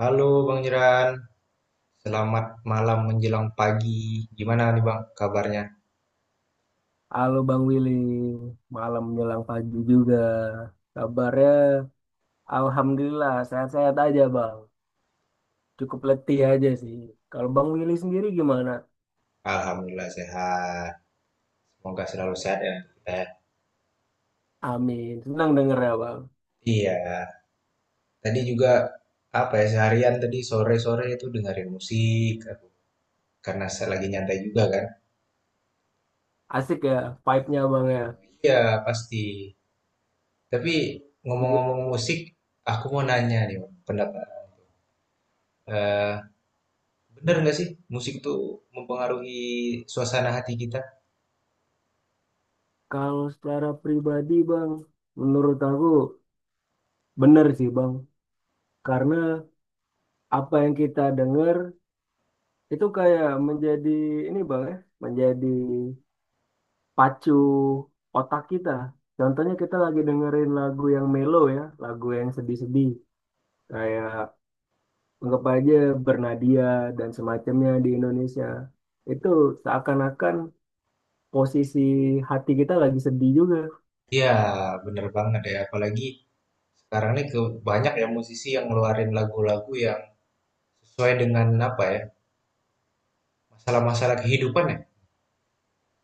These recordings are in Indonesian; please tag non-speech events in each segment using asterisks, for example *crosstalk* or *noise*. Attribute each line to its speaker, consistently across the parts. Speaker 1: Halo Bang Jeran, selamat malam menjelang pagi. Gimana nih Bang kabarnya?
Speaker 2: Halo Bang Willy, malam menjelang pagi juga. Kabarnya Alhamdulillah sehat-sehat aja Bang. Cukup letih aja sih. Kalau Bang Willy sendiri gimana?
Speaker 1: Alhamdulillah sehat. Semoga selalu sehat ya untuk kita ya.
Speaker 2: Amin. Senang denger ya Bang.
Speaker 1: Iya, tadi juga apa ya seharian tadi sore-sore itu dengerin musik aku, karena saya lagi nyantai juga kan.
Speaker 2: Asik ya vibe-nya Bang ya.
Speaker 1: Iya pasti. Tapi ngomong-ngomong musik, aku mau nanya nih Bang, pendapat. Eh, Bener nggak sih musik tuh mempengaruhi suasana hati kita?
Speaker 2: Kalau secara pribadi Bang, menurut aku bener sih Bang. Karena apa yang kita denger itu kayak menjadi ini Bang ya, menjadi pacu otak kita. Contohnya kita lagi dengerin lagu yang mellow ya, lagu yang sedih-sedih. Kayak anggap aja Bernadia dan semacamnya di Indonesia. Itu seakan-akan posisi hati kita lagi sedih juga.
Speaker 1: Iya, bener banget ya. Apalagi sekarang ini ke banyak ya musisi yang ngeluarin lagu-lagu yang sesuai dengan apa ya, masalah-masalah kehidupan ya.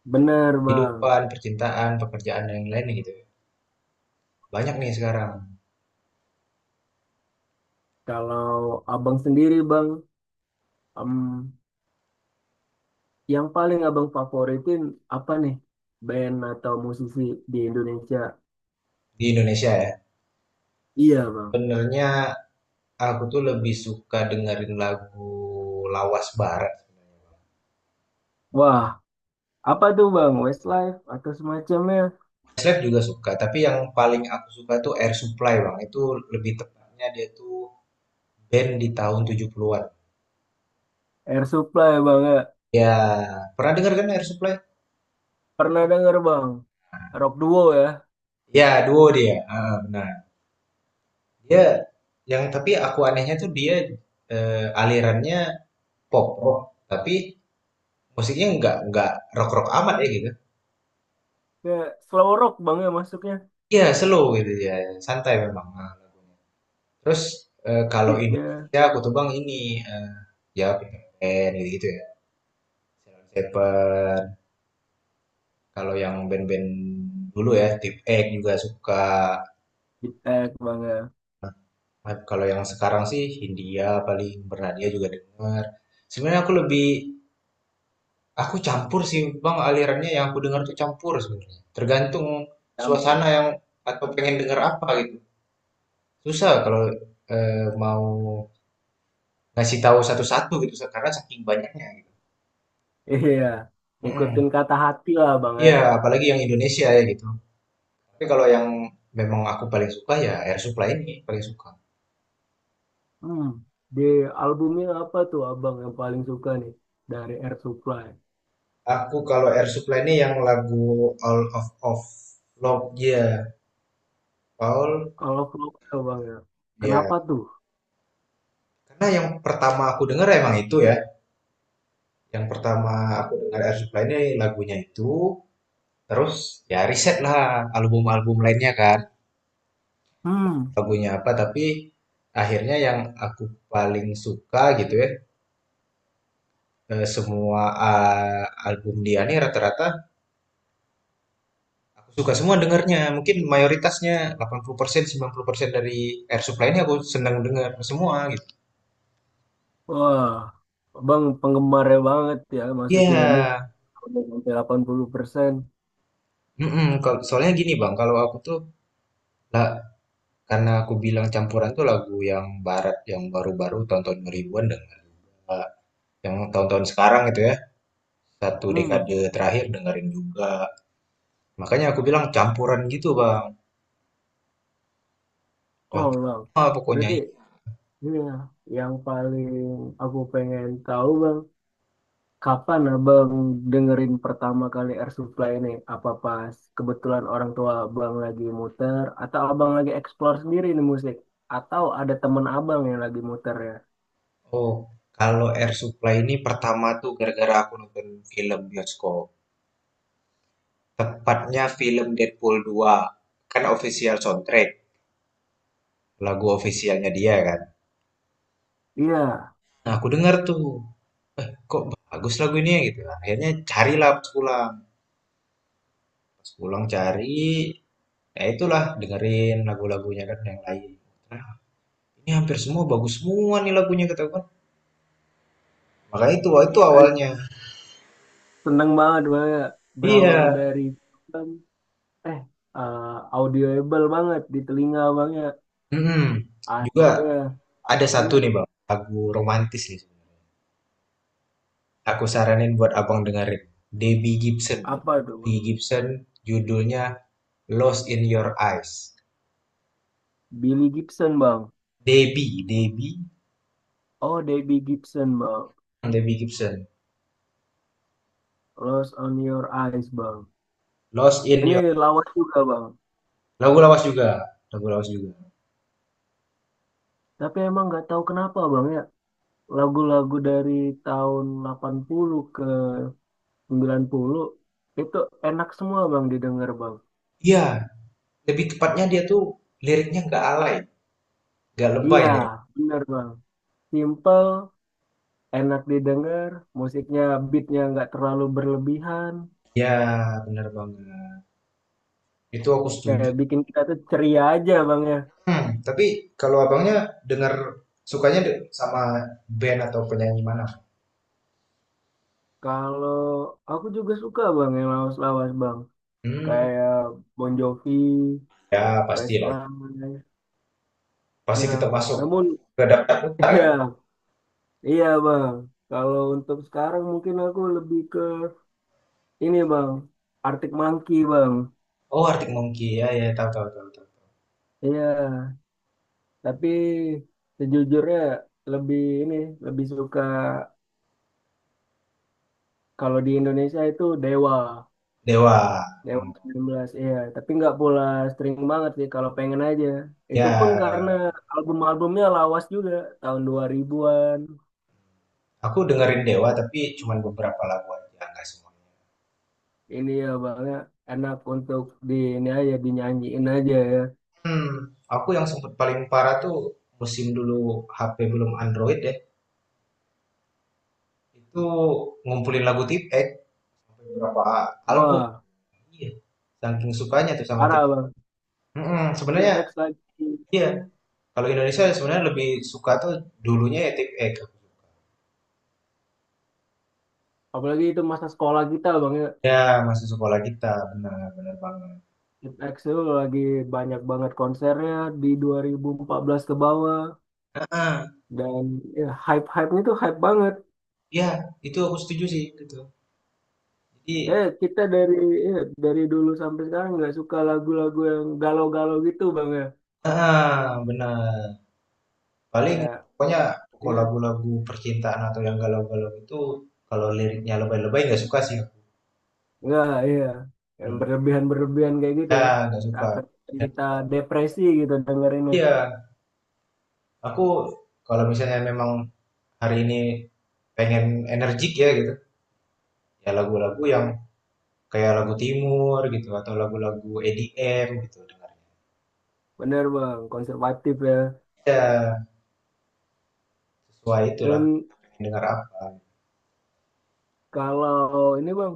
Speaker 2: Benar bang.
Speaker 1: Kehidupan, percintaan, pekerjaan, dan yang lain gitu. Ya. Banyak nih sekarang
Speaker 2: Kalau abang sendiri bang, em, yang paling abang favoritin apa nih? Band atau musisi di Indonesia?
Speaker 1: di Indonesia ya.
Speaker 2: Iya bang.
Speaker 1: Sebenarnya aku tuh lebih suka dengerin lagu lawas barat.
Speaker 2: Wah, apa tuh bang? Westlife atau semacamnya?
Speaker 1: Slap juga suka, tapi yang paling aku suka tuh Air Supply bang. Itu lebih tepatnya dia tuh band di tahun 70-an.
Speaker 2: Air Supply bang ya.
Speaker 1: Ya, pernah denger kan Air Supply?
Speaker 2: Pernah denger bang. Rock duo ya.
Speaker 1: Ya, duo dia. Ah, benar. Dia yang tapi aku anehnya tuh dia alirannya pop rock tapi musiknya nggak rock rock amat ya gitu.
Speaker 2: Ya, slow rock bang ya masuknya.
Speaker 1: Iya slow gitu ya santai memang nah, lagunya. Terus kalau
Speaker 2: Beatnya,
Speaker 1: Indonesia aku tuh bang ini eh, ya band gitu, gitu ya. Sheila Shepherd. Kalau yang band-band dulu ya Tip X juga suka.
Speaker 2: beat tag bang ya.
Speaker 1: Nah, kalau yang sekarang sih Hindia paling Bernadia juga denger. Sebenarnya aku lebih aku campur sih Bang alirannya yang aku dengar tuh campur sebenarnya. Tergantung
Speaker 2: Campur.
Speaker 1: suasana yang atau pengen denger apa gitu. Susah kalau mau ngasih tahu satu-satu gitu karena saking banyaknya gitu.
Speaker 2: Iya.
Speaker 1: Mm-mm.
Speaker 2: Ngikutin kata hati lah bang ya.
Speaker 1: Iya, apalagi yang Indonesia ya gitu. Tapi kalau yang memang aku paling suka ya Air Supply ini paling suka.
Speaker 2: Hmm. Di albumnya apa tuh abang yang paling suka nih? Dari Air Supply.
Speaker 1: Aku kalau Air Supply ini yang lagu All of Of Love ya, Paul
Speaker 2: Kalau Flowcell bang ya.
Speaker 1: ya.
Speaker 2: Kenapa tuh?
Speaker 1: Karena yang pertama aku denger emang itu ya. Yang pertama aku dengar Air Supply ini lagunya itu, terus ya riset lah album-album lainnya kan,
Speaker 2: Hmm.
Speaker 1: lagunya apa, tapi akhirnya yang aku paling suka gitu ya, semua ah, album dia nih rata-rata aku suka semua dengarnya, mungkin mayoritasnya 80% 90% dari Air Supply ini aku senang dengar semua gitu.
Speaker 2: Wah. Abang penggemarnya banget ya masuknya ini.
Speaker 1: Iya,
Speaker 2: Udah sampai 80%.
Speaker 1: mm-mm, kalau- soalnya gini Bang, kalau aku tuh lah, karena aku bilang campuran tuh lagu yang barat yang baru-baru tahun-tahun 2000-an dengar. Yang tahun-tahun sekarang gitu ya satu
Speaker 2: Hmm.
Speaker 1: dekade terakhir dengerin juga makanya aku bilang campuran gitu bang
Speaker 2: Oh
Speaker 1: campur
Speaker 2: bang.
Speaker 1: semua pokoknya.
Speaker 2: Berarti iya, yang paling aku pengen tahu bang, kapan abang dengerin pertama kali Air Supply ini? Apa pas kebetulan orang tua abang lagi muter, atau abang lagi explore sendiri nih musik, atau ada temen abang yang lagi muter ya?
Speaker 1: Oh kalau Air Supply ini pertama tuh gara-gara aku nonton film bioskop tepatnya film Deadpool 2 kan official soundtrack lagu officialnya dia kan.
Speaker 2: Iya,
Speaker 1: Nah aku denger tuh kok bagus lagu ini ya gitu akhirnya carilah pas pulang. Pas pulang cari ya itulah dengerin lagu-lagunya kan yang lain ini hampir semua bagus semua nih lagunya katakan, gue maka itu wah, itu
Speaker 2: eh,
Speaker 1: awalnya.
Speaker 2: seneng banget bang, ya.
Speaker 1: Iya.
Speaker 2: Berawal dari um, eh eh, audioable banget di telinga abang ya.
Speaker 1: Mm-mm. Juga
Speaker 2: Akhirnya,
Speaker 1: ada satu
Speaker 2: iya,
Speaker 1: nih bang lagu romantis nih aku saranin buat abang dengerin Debbie Gibson.
Speaker 2: apa tuh bang?
Speaker 1: Debbie Gibson judulnya Lost in Your Eyes.
Speaker 2: Billy Gibson bang.
Speaker 1: Debbie Debbie
Speaker 2: Oh, Debbie Gibson bang.
Speaker 1: Debbie Gibson
Speaker 2: Lost on Your Eyes, Bang.
Speaker 1: Lost in
Speaker 2: Ini
Speaker 1: Your
Speaker 2: lawas juga, Bang.
Speaker 1: lagu lawas juga lagu lawas juga.
Speaker 2: Tapi emang nggak tahu kenapa, Bang, ya. Lagu-lagu dari tahun 80 ke 90 itu enak semua, Bang, didengar, Bang.
Speaker 1: Iya lebih tepatnya dia tuh liriknya nggak alay nggak lebay
Speaker 2: Iya,
Speaker 1: lirik
Speaker 2: bener, Bang. Simple, enak didengar, musiknya, beatnya nggak terlalu berlebihan.
Speaker 1: ya benar banget itu aku setuju.
Speaker 2: Kayak bikin kita tuh ceria aja, Bang, ya.
Speaker 1: Hmm, tapi kalau abangnya dengar sukanya sama band atau penyanyi mana?
Speaker 2: Kalau aku juga suka, Bang, yang lawas-lawas, Bang.
Speaker 1: Hmm,
Speaker 2: Kayak Bon Jovi,
Speaker 1: ya pastilah.
Speaker 2: Westlife.
Speaker 1: Pasti
Speaker 2: Nah,
Speaker 1: tetap masuk
Speaker 2: namun
Speaker 1: ke daftar
Speaker 2: *laughs*
Speaker 1: putar kan?
Speaker 2: iya, iya Bang. Kalau untuk sekarang mungkin aku lebih ke ini Bang, Arctic Monkey Bang.
Speaker 1: Oh, Arctic Monkey. Ya, ya, tahu, tahu, tahu, tahu.
Speaker 2: Iya, tapi sejujurnya lebih ini, lebih suka kalau di Indonesia itu Dewa,
Speaker 1: Dewa.
Speaker 2: Dewa
Speaker 1: Hmm,
Speaker 2: sembilan belas, Iya, tapi nggak pula string banget sih kalau pengen aja. Itu pun
Speaker 1: ya,
Speaker 2: karena album-albumnya lawas juga, tahun 2000-an.
Speaker 1: aku dengerin Dewa tapi cuman beberapa lagu aja, nggak semuanya.
Speaker 2: Ini ya Bang, ya, enak untuk di ini aja dinyanyiin aja ya.
Speaker 1: Hmm, aku yang sempat paling parah tuh musim dulu HP belum Android ya. Itu ngumpulin lagu Tip X sampai berapa album.
Speaker 2: Wah.
Speaker 1: Iya, saking sukanya tuh sama Tip
Speaker 2: Parah
Speaker 1: X.
Speaker 2: bang,
Speaker 1: Mm-mm, sebenarnya
Speaker 2: Tipex lagi.
Speaker 1: iya,
Speaker 2: Iya.
Speaker 1: kalau Indonesia sebenarnya lebih suka tuh dulunya ya tip
Speaker 2: Apalagi itu masa sekolah kita bang ya.
Speaker 1: ya masih sekolah kita benar benar banget.
Speaker 2: Tipex itu lagi banyak banget konsernya di 2014 ke bawah.
Speaker 1: Ah,
Speaker 2: Dan ya, hype-hype-nya tuh hype banget.
Speaker 1: ya itu aku setuju sih gitu.
Speaker 2: Ya
Speaker 1: Jadi
Speaker 2: kita dari ya, dari dulu sampai sekarang nggak suka lagu-lagu yang galau-galau gitu bang ya.
Speaker 1: ah benar. Paling
Speaker 2: Kayak
Speaker 1: pokoknya pokok
Speaker 2: ya
Speaker 1: lagu-lagu percintaan atau yang galau-galau itu kalau liriknya lebay-lebay nggak suka sih aku.
Speaker 2: nggak ya yang
Speaker 1: Hmm.
Speaker 2: berlebihan-berlebihan kayak gitu
Speaker 1: Ya
Speaker 2: ya.
Speaker 1: nggak suka.
Speaker 2: Akan
Speaker 1: Ya, tuh,
Speaker 2: kita
Speaker 1: nggak suka.
Speaker 2: depresi gitu dengerinnya.
Speaker 1: Iya, aku kalau misalnya memang hari ini pengen energik ya gitu, ya lagu-lagu yang kayak lagu timur gitu atau lagu-lagu EDM gitu dengar.
Speaker 2: Bener bang, konservatif ya.
Speaker 1: Ya, sesuai itulah
Speaker 2: Dan
Speaker 1: pengen dengar apa.
Speaker 2: kalau ini bang,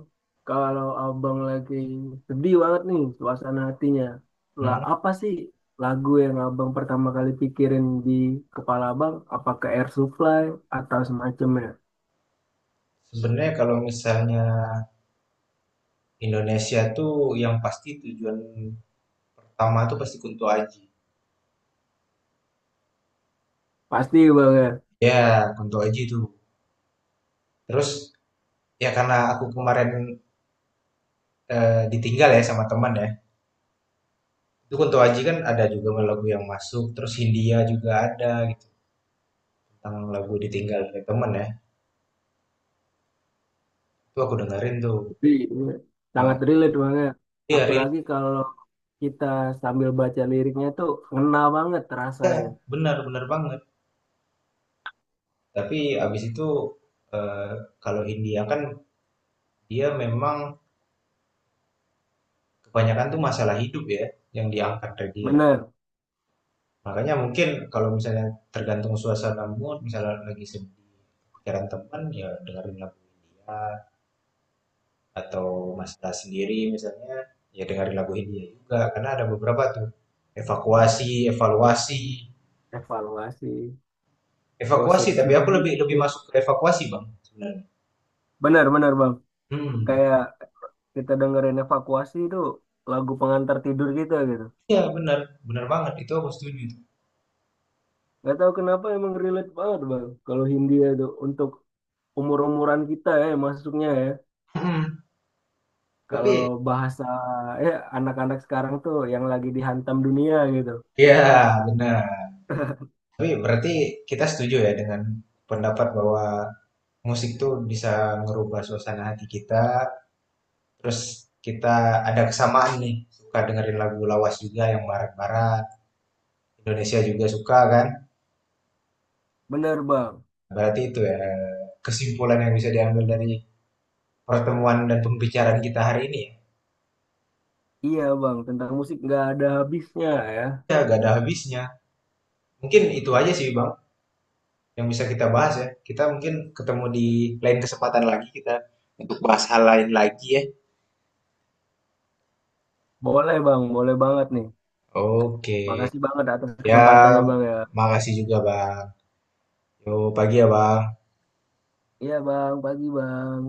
Speaker 2: kalau abang lagi sedih banget nih suasana hatinya, lah
Speaker 1: Mhm.
Speaker 2: apa sih lagu yang abang pertama kali pikirin di kepala abang? Apa ke Air Supply atau semacamnya?
Speaker 1: Sebenarnya kalau misalnya Indonesia tuh yang pasti tujuan pertama tuh pasti Kunto Aji.
Speaker 2: Pasti bang ya.
Speaker 1: Ya, Kunto Aji tuh. Terus ya karena aku kemarin ditinggal ya sama teman ya. Itu Kunto Aji kan ada juga lagu yang masuk, terus Hindia juga ada gitu. Tentang lagu ditinggal dari teman ya. Itu aku dengerin tuh.
Speaker 2: Pasti. Iya,
Speaker 1: Eh,
Speaker 2: sangat relate banget.
Speaker 1: Iya, relate.
Speaker 2: Apalagi kalau kita sambil baca liriknya tuh ngena banget
Speaker 1: Ya,
Speaker 2: rasanya.
Speaker 1: benar benar banget. Tapi abis itu eh, kalau India kan dia memang kebanyakan tuh masalah hidup ya yang diangkat dari dia.
Speaker 2: Bener,
Speaker 1: Makanya mungkin kalau misalnya tergantung suasana mood, misalnya lagi sedih pikiran teman ya dengerin lagu India atau masalah sendiri misalnya ya dengerin lagu India juga karena ada beberapa tuh evakuasi, evaluasi,
Speaker 2: evaluasi, gosok
Speaker 1: evakuasi tapi aku lebih lebih
Speaker 2: gigi.
Speaker 1: masuk ke evakuasi bang sebenarnya.
Speaker 2: Bener, bener bang.
Speaker 1: Hmm,
Speaker 2: Kayak kita dengerin evakuasi itu lagu pengantar tidur kita gitu.
Speaker 1: iya benar benar banget itu aku setuju.
Speaker 2: Gak tahu kenapa emang relate banget bang. Kalau Hindia itu untuk umur-umuran kita ya masuknya ya.
Speaker 1: Hmm.
Speaker 2: Kalau
Speaker 1: Tapi
Speaker 2: bahasa ya anak-anak sekarang tuh yang lagi dihantam dunia gitu.
Speaker 1: iya, benar. Tapi berarti kita setuju ya dengan pendapat bahwa musik tuh bisa ngerubah suasana hati kita. Terus kita ada kesamaan nih, suka dengerin lagu lawas juga yang barat-barat. Indonesia juga suka kan?
Speaker 2: Bener bang.
Speaker 1: Berarti itu ya kesimpulan yang bisa diambil dari pertemuan dan pembicaraan kita hari ini ya.
Speaker 2: Iya bang, tentang musik nggak ada habisnya ya.
Speaker 1: Ya, gak ada habisnya. Mungkin itu aja sih, Bang, yang bisa kita bahas ya. Kita mungkin ketemu di lain kesempatan lagi kita untuk bahas hal lain lagi ya.
Speaker 2: Boleh bang, boleh banget nih.
Speaker 1: Oke.
Speaker 2: Makasih banget atas
Speaker 1: Ya,
Speaker 2: kesempatannya bang ya.
Speaker 1: makasih juga Bang. Yo, pagi ya Bang.
Speaker 2: Iya bang, pagi bang.